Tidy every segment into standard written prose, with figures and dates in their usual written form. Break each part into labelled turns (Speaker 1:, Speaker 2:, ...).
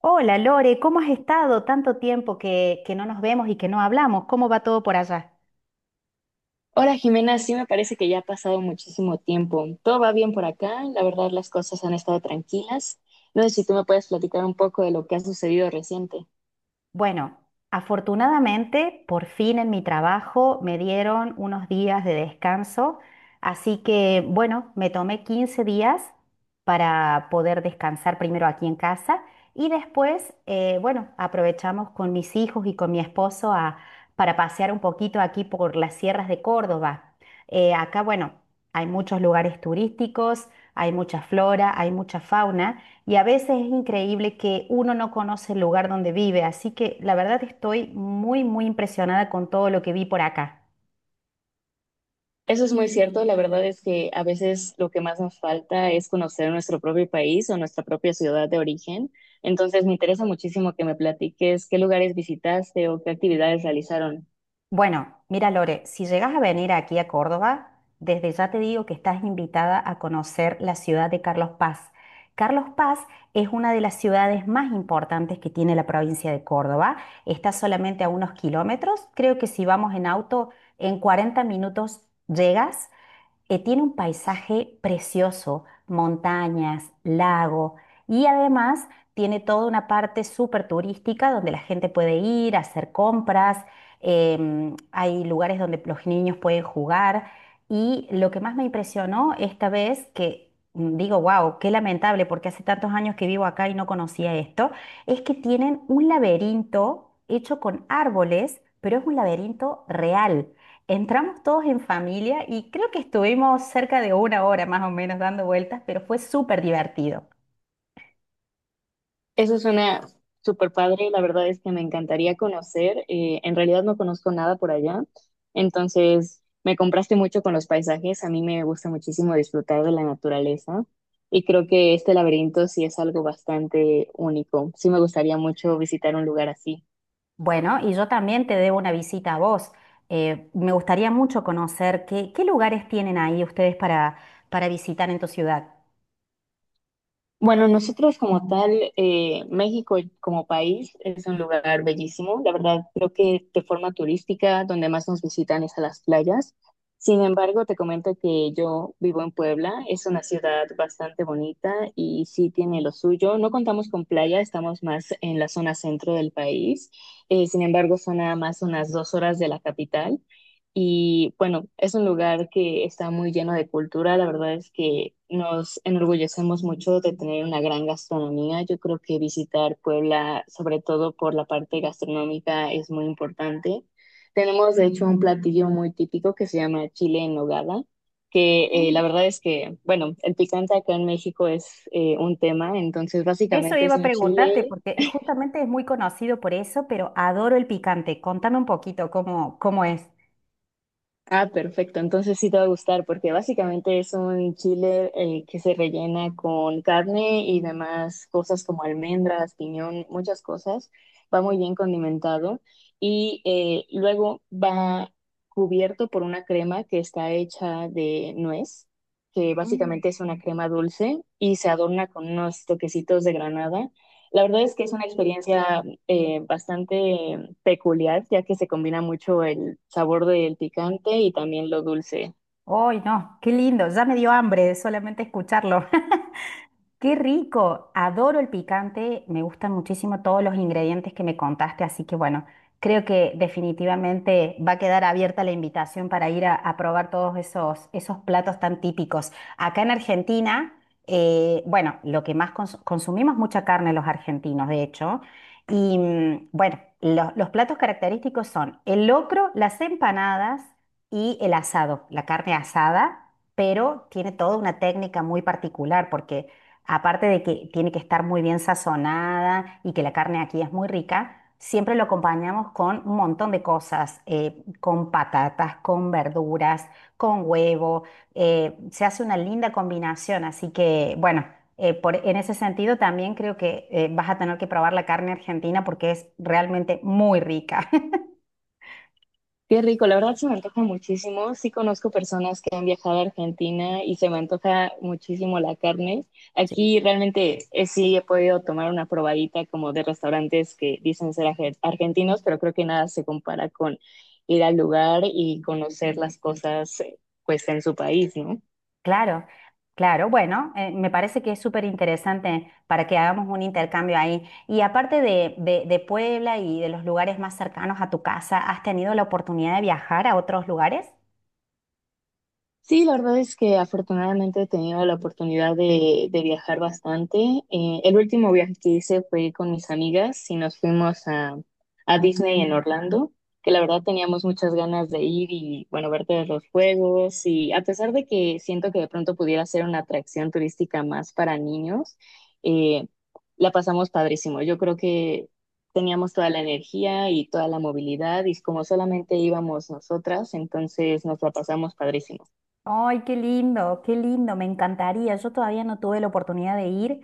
Speaker 1: Hola Lore, ¿cómo has estado? Tanto tiempo que no nos vemos y que no hablamos. ¿Cómo va todo por allá?
Speaker 2: Hola Jimena, sí me parece que ya ha pasado muchísimo tiempo. Todo va bien por acá, la verdad las cosas han estado tranquilas. No sé si tú me puedes platicar un poco de lo que ha sucedido reciente.
Speaker 1: Bueno, afortunadamente, por fin en mi trabajo me dieron unos días de descanso, así que bueno, me tomé 15 días para poder descansar primero aquí en casa y después, bueno, aprovechamos con mis hijos y con mi esposo para pasear un poquito aquí por las sierras de Córdoba. Acá, bueno, hay muchos lugares turísticos, hay mucha flora, hay mucha fauna. Y a veces es increíble que uno no conoce el lugar donde vive, así que la verdad estoy muy, muy impresionada con todo lo que vi por acá.
Speaker 2: Eso es muy cierto, la verdad es que a veces lo que más nos falta es conocer nuestro propio país o nuestra propia ciudad de origen. Entonces me interesa muchísimo que me platiques qué lugares visitaste o qué actividades realizaron.
Speaker 1: Bueno, mira Lore, si llegas a venir aquí a Córdoba, desde ya te digo que estás invitada a conocer la ciudad de Carlos Paz. Carlos Paz es una de las ciudades más importantes que tiene la provincia de Córdoba. Está solamente a unos kilómetros. Creo que si vamos en auto, en 40 minutos llegas. Tiene un paisaje precioso, montañas, lago y además tiene toda una parte súper turística donde la gente puede ir a hacer compras. Hay lugares donde los niños pueden jugar, y lo que más me impresionó esta vez, que digo, wow, qué lamentable porque hace tantos años que vivo acá y no conocía esto, es que tienen un laberinto hecho con árboles, pero es un laberinto real. Entramos todos en familia y creo que estuvimos cerca de una hora más o menos dando vueltas, pero fue súper divertido.
Speaker 2: Eso suena súper padre, la verdad es que me encantaría conocer, en realidad no conozco nada por allá, entonces me compraste mucho con los paisajes. A mí me gusta muchísimo disfrutar de la naturaleza y creo que este laberinto sí es algo bastante único. Sí me gustaría mucho visitar un lugar así.
Speaker 1: Bueno, y yo también te debo una visita a vos. Me gustaría mucho conocer qué lugares tienen ahí ustedes para visitar en tu ciudad.
Speaker 2: Bueno, nosotros como tal, México como país es un lugar bellísimo. La verdad, creo que de forma turística, donde más nos visitan es a las playas. Sin embargo, te comento que yo vivo en Puebla. Es una ciudad bastante bonita y sí tiene lo suyo. No contamos con playa, estamos más en la zona centro del país. Sin embargo, son nada más unas dos horas de la capital. Y bueno, es un lugar que está muy lleno de cultura. La verdad es que nos enorgullecemos mucho de tener una gran gastronomía. Yo creo que visitar Puebla, sobre todo por la parte gastronómica, es muy importante. Tenemos, de hecho, un platillo muy típico que se llama chile en nogada, que la
Speaker 1: Mm,
Speaker 2: verdad es que, bueno, el picante acá en México es un tema. Entonces,
Speaker 1: eso
Speaker 2: básicamente
Speaker 1: iba
Speaker 2: es
Speaker 1: a
Speaker 2: un
Speaker 1: preguntarte
Speaker 2: chile.
Speaker 1: porque justamente es muy conocido por eso, pero adoro el picante. Contame un poquito cómo es.
Speaker 2: Ah, perfecto. Entonces sí te va a gustar porque básicamente es un chile que se rellena con carne y demás cosas como almendras, piñón, muchas cosas. Va muy bien condimentado y luego va cubierto por una crema que está hecha de nuez, que
Speaker 1: Mm.
Speaker 2: básicamente es una crema dulce y se adorna con unos toquecitos de granada. La verdad es que es una experiencia bastante peculiar, ya que se combina mucho el sabor del picante y también lo dulce.
Speaker 1: ¡Ay, no! ¡Qué lindo! Ya me dio hambre de solamente escucharlo. Qué rico, adoro el picante, me gustan muchísimo todos los ingredientes que me contaste, así que bueno, creo que definitivamente va a quedar abierta la invitación para ir a probar todos esos, esos platos tan típicos. Acá en Argentina, bueno, lo que más consumimos mucha carne los argentinos, de hecho, y bueno, los platos característicos son el locro, las empanadas y el asado, la carne asada, pero tiene toda una técnica muy particular porque aparte de que tiene que estar muy bien sazonada y que la carne aquí es muy rica, siempre lo acompañamos con un montón de cosas, con patatas, con verduras, con huevo, se hace una linda combinación, así que bueno, en ese sentido también creo que vas a tener que probar la carne argentina porque es realmente muy rica.
Speaker 2: Qué rico, la verdad se me antoja muchísimo. Sí conozco personas que han viajado a Argentina y se me antoja muchísimo la carne. Aquí realmente sí he podido tomar una probadita como de restaurantes que dicen ser argentinos, pero creo que nada se compara con ir al lugar y conocer las cosas pues en su país, ¿no?
Speaker 1: Claro, claro. Bueno, me parece que es súper interesante para que hagamos un intercambio ahí. Y aparte de Puebla y de los lugares más cercanos a tu casa, ¿has tenido la oportunidad de viajar a otros lugares?
Speaker 2: Sí, la verdad es que afortunadamente he tenido la oportunidad de viajar bastante. El último viaje que hice fue con mis amigas y nos fuimos a Disney en Orlando, que la verdad teníamos muchas ganas de ir y, bueno, ver todos los juegos. Y a pesar de que siento que de pronto pudiera ser una atracción turística más para niños, eh, la pasamos padrísimo. Yo creo que teníamos toda la energía y toda la movilidad y como solamente íbamos nosotras, entonces nos la pasamos padrísimo.
Speaker 1: Ay, qué lindo, me encantaría. Yo todavía no tuve la oportunidad de ir.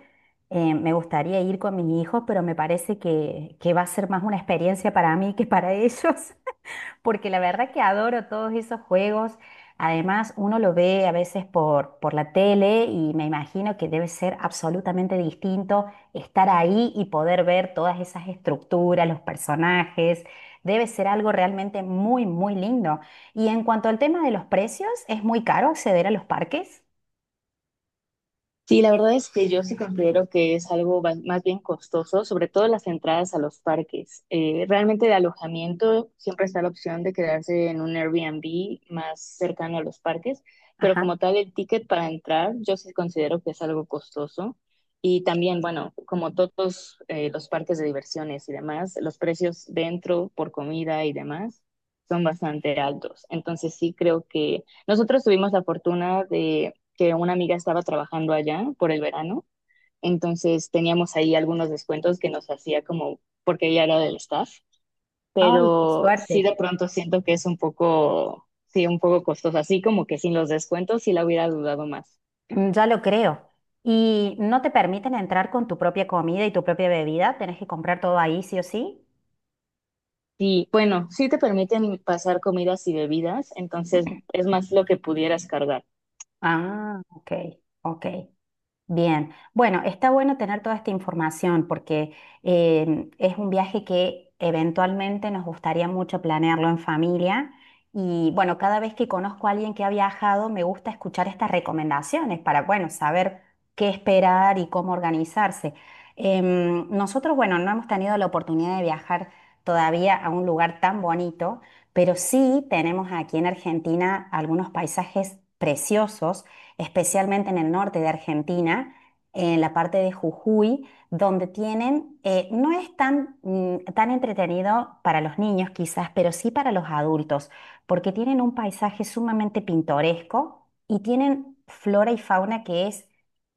Speaker 1: Me gustaría ir con mis hijos, pero me parece que va a ser más una experiencia para mí que para ellos. Porque la verdad que adoro todos esos juegos. Además, uno lo ve a veces por la tele y me imagino que debe ser absolutamente distinto estar ahí y poder ver todas esas estructuras, los personajes. Debe ser algo realmente muy, muy lindo. Y en cuanto al tema de los precios, ¿es muy caro acceder a los parques?
Speaker 2: Sí, la verdad es que yo sí considero que es algo más bien costoso, sobre todo las entradas a los parques. Realmente de alojamiento siempre está la opción de quedarse en un Airbnb más cercano a los parques, pero
Speaker 1: Ajá.
Speaker 2: como tal el ticket para entrar yo sí considero que es algo costoso. Y también, bueno, como todos los parques de diversiones y demás, los precios dentro por comida y demás son bastante altos. Entonces sí creo que nosotros tuvimos la fortuna que una amiga estaba trabajando allá por el verano, entonces teníamos ahí algunos descuentos que nos hacía como porque ella era del staff,
Speaker 1: Ay, qué
Speaker 2: pero sí
Speaker 1: suerte.
Speaker 2: de pronto siento que es un poco, sí, un poco costoso, así como que sin los descuentos sí la hubiera dudado más.
Speaker 1: Mm, ya lo creo. ¿Y no te permiten entrar con tu propia comida y tu propia bebida? ¿Tenés que comprar todo ahí, sí o sí?
Speaker 2: Sí, bueno, sí te permiten pasar comidas y bebidas, entonces es más lo que pudieras cargar.
Speaker 1: Ah, ok, ok, bien. Bueno, está bueno tener toda esta información porque es un viaje que eventualmente nos gustaría mucho planearlo en familia. Y bueno, cada vez que conozco a alguien que ha viajado, me gusta escuchar estas recomendaciones para, bueno, saber qué esperar y cómo organizarse. Nosotros, bueno, no hemos tenido la oportunidad de viajar todavía a un lugar tan bonito, pero sí tenemos aquí en Argentina algunos paisajes preciosos, especialmente en el norte de Argentina, en la parte de Jujuy, donde tienen, no es tan, tan entretenido para los niños quizás, pero sí para los adultos, porque tienen un paisaje sumamente pintoresco y tienen flora y fauna que es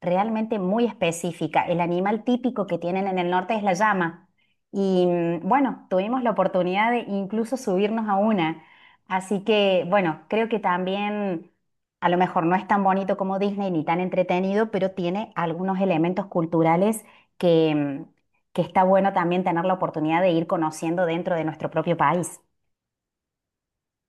Speaker 1: realmente muy específica. El animal típico que tienen en el norte es la llama. Y bueno, tuvimos la oportunidad de incluso subirnos a una. Así que, bueno, creo que también a lo mejor no es tan bonito como Disney ni tan entretenido, pero tiene algunos elementos culturales que, que está bueno también tener la oportunidad de ir conociendo dentro de nuestro propio país.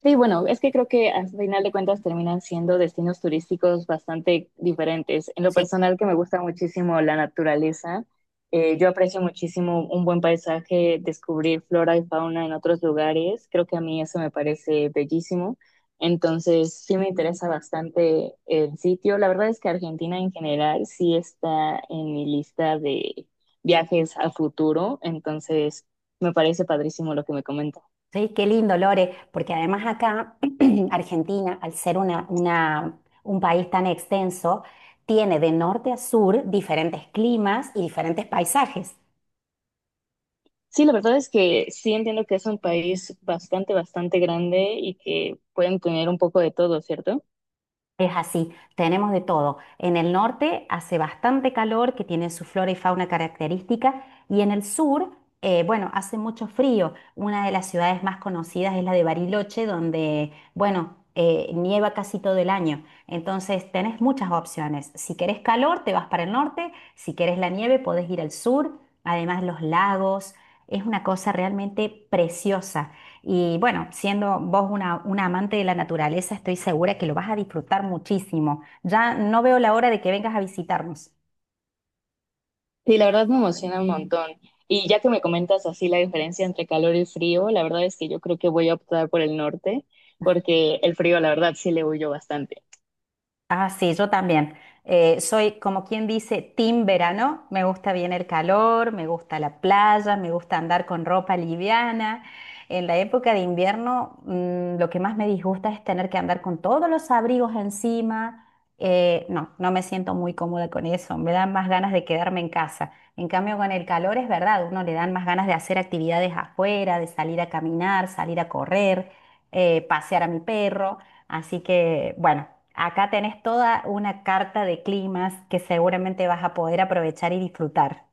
Speaker 2: Sí, bueno, es que creo que al final de cuentas terminan siendo destinos turísticos bastante diferentes. En lo
Speaker 1: Sí.
Speaker 2: personal que me gusta muchísimo la naturaleza, yo aprecio muchísimo un buen paisaje, descubrir flora y fauna en otros lugares, creo que a mí eso me parece bellísimo. Entonces, sí me interesa bastante el sitio. La verdad es que Argentina en general sí está en mi lista de viajes al futuro, entonces me parece padrísimo lo que me comentas.
Speaker 1: Sí, qué lindo, Lore, porque además acá Argentina, al ser un país tan extenso, tiene de norte a sur diferentes climas y diferentes paisajes.
Speaker 2: Sí, la verdad es que sí entiendo que es un país bastante, bastante grande y que pueden tener un poco de todo, ¿cierto?
Speaker 1: Es así, tenemos de todo. En el norte hace bastante calor, que tiene su flora y fauna característica, y en el sur, bueno, hace mucho frío. Una de las ciudades más conocidas es la de Bariloche, donde, bueno, nieva casi todo el año. Entonces, tenés muchas opciones. Si querés calor, te vas para el norte. Si querés la nieve, podés ir al sur. Además, los lagos. Es una cosa realmente preciosa. Y bueno, siendo vos una amante de la naturaleza, estoy segura que lo vas a disfrutar muchísimo. Ya no veo la hora de que vengas a visitarnos.
Speaker 2: Sí, la verdad me emociona un montón. Y ya que me comentas así la diferencia entre calor y frío, la verdad es que yo creo que voy a optar por el norte, porque el frío, la verdad, sí le huyo bastante.
Speaker 1: Ah, sí, yo también. Soy como quien dice, team verano. Me gusta bien el calor, me gusta la playa, me gusta andar con ropa liviana. En la época de invierno, lo que más me disgusta es tener que andar con todos los abrigos encima. No, no me siento muy cómoda con eso. Me dan más ganas de quedarme en casa. En cambio, con el calor es verdad, uno le dan más ganas de hacer actividades afuera, de salir a caminar, salir a correr, pasear a mi perro. Así que, bueno, acá tenés toda una carta de climas que seguramente vas a poder aprovechar y disfrutar.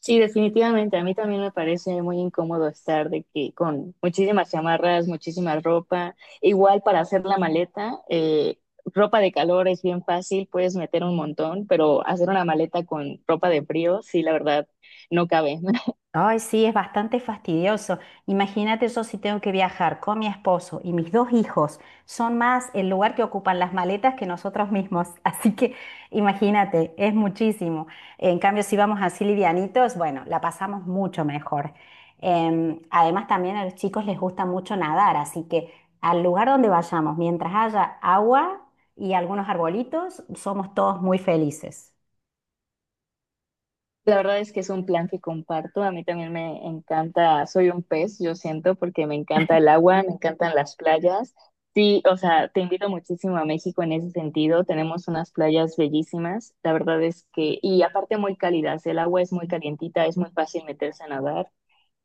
Speaker 2: Sí, definitivamente. A mí también me parece muy incómodo estar de que con muchísimas chamarras, muchísima ropa. Igual para hacer la maleta, ropa de calor es bien fácil, puedes meter un montón, pero hacer una maleta con ropa de frío, sí, la verdad, no cabe.
Speaker 1: Ay, sí, es bastante fastidioso. Imagínate yo si tengo que viajar con mi esposo y mis dos hijos. Son más el lugar que ocupan las maletas que nosotros mismos. Así que imagínate, es muchísimo. En cambio, si vamos así livianitos, bueno, la pasamos mucho mejor. Además, también a los chicos les gusta mucho nadar, así que al lugar donde vayamos, mientras haya agua y algunos arbolitos, somos todos muy felices.
Speaker 2: La verdad es que es un plan que comparto. A mí también me encanta, soy un pez, yo siento, porque me encanta el agua, me encantan las playas. Sí, o sea, te invito muchísimo a México en ese sentido. Tenemos unas playas bellísimas. La verdad es que, y aparte muy cálidas, el agua es muy calientita, es muy fácil meterse a nadar.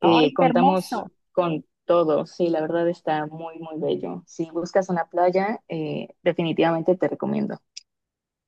Speaker 1: ¡Ay, qué
Speaker 2: Contamos
Speaker 1: hermoso!
Speaker 2: con todo, sí, la verdad está muy, muy bello. Si buscas una playa, definitivamente te recomiendo.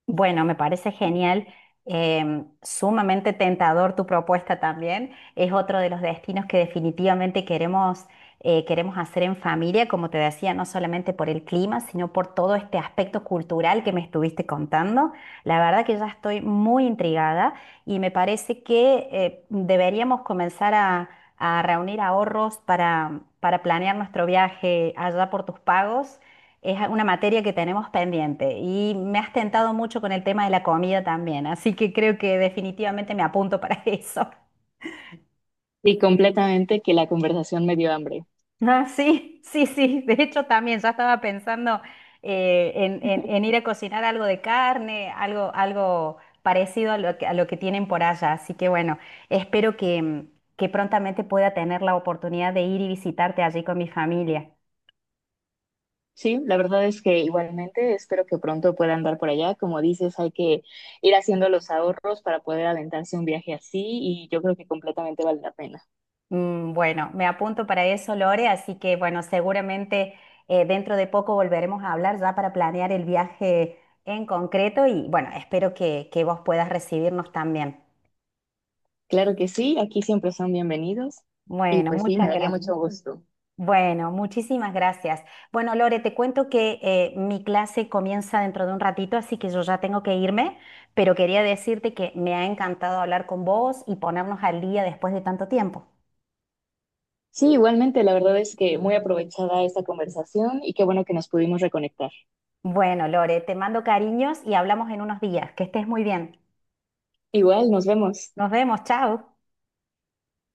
Speaker 1: Bueno, me parece genial, sumamente tentador tu propuesta también. Es otro de los destinos que definitivamente queremos, queremos hacer en familia, como te decía, no solamente por el clima, sino por todo este aspecto cultural que me estuviste contando. La verdad que ya estoy muy intrigada y me parece que deberíamos comenzar a reunir ahorros para planear nuestro viaje allá por tus pagos. Es una materia que tenemos pendiente y me has tentado mucho con el tema de la comida también, así que creo que definitivamente me apunto para eso.
Speaker 2: Y completamente que la conversación me dio hambre.
Speaker 1: Ah, sí, sí, sí, de hecho también ya estaba pensando en ir a cocinar algo de carne, algo parecido a lo a lo que tienen por allá, así que bueno, espero que que prontamente pueda tener la oportunidad de ir y visitarte allí con mi familia.
Speaker 2: Sí, la verdad es que igualmente espero que pronto pueda andar por allá. Como dices, hay que ir haciendo los ahorros para poder aventarse un viaje así y yo creo que completamente vale la pena.
Speaker 1: Mm, bueno, me apunto para eso, Lore, así que bueno, seguramente dentro de poco volveremos a hablar ya para planear el viaje en concreto y bueno, espero que vos puedas recibirnos también.
Speaker 2: Claro que sí, aquí siempre son bienvenidos y
Speaker 1: Bueno,
Speaker 2: pues sí, me
Speaker 1: muchas
Speaker 2: daría
Speaker 1: gracias.
Speaker 2: mucho gusto.
Speaker 1: Bueno, muchísimas gracias. Bueno, Lore, te cuento que mi clase comienza dentro de un ratito, así que yo ya tengo que irme, pero quería decirte que me ha encantado hablar con vos y ponernos al día después de tanto tiempo.
Speaker 2: Sí, igualmente, la verdad es que muy aprovechada esta conversación y qué bueno que nos pudimos reconectar.
Speaker 1: Bueno, Lore, te mando cariños y hablamos en unos días. Que estés muy bien.
Speaker 2: Igual, nos vemos.
Speaker 1: Nos vemos, chao.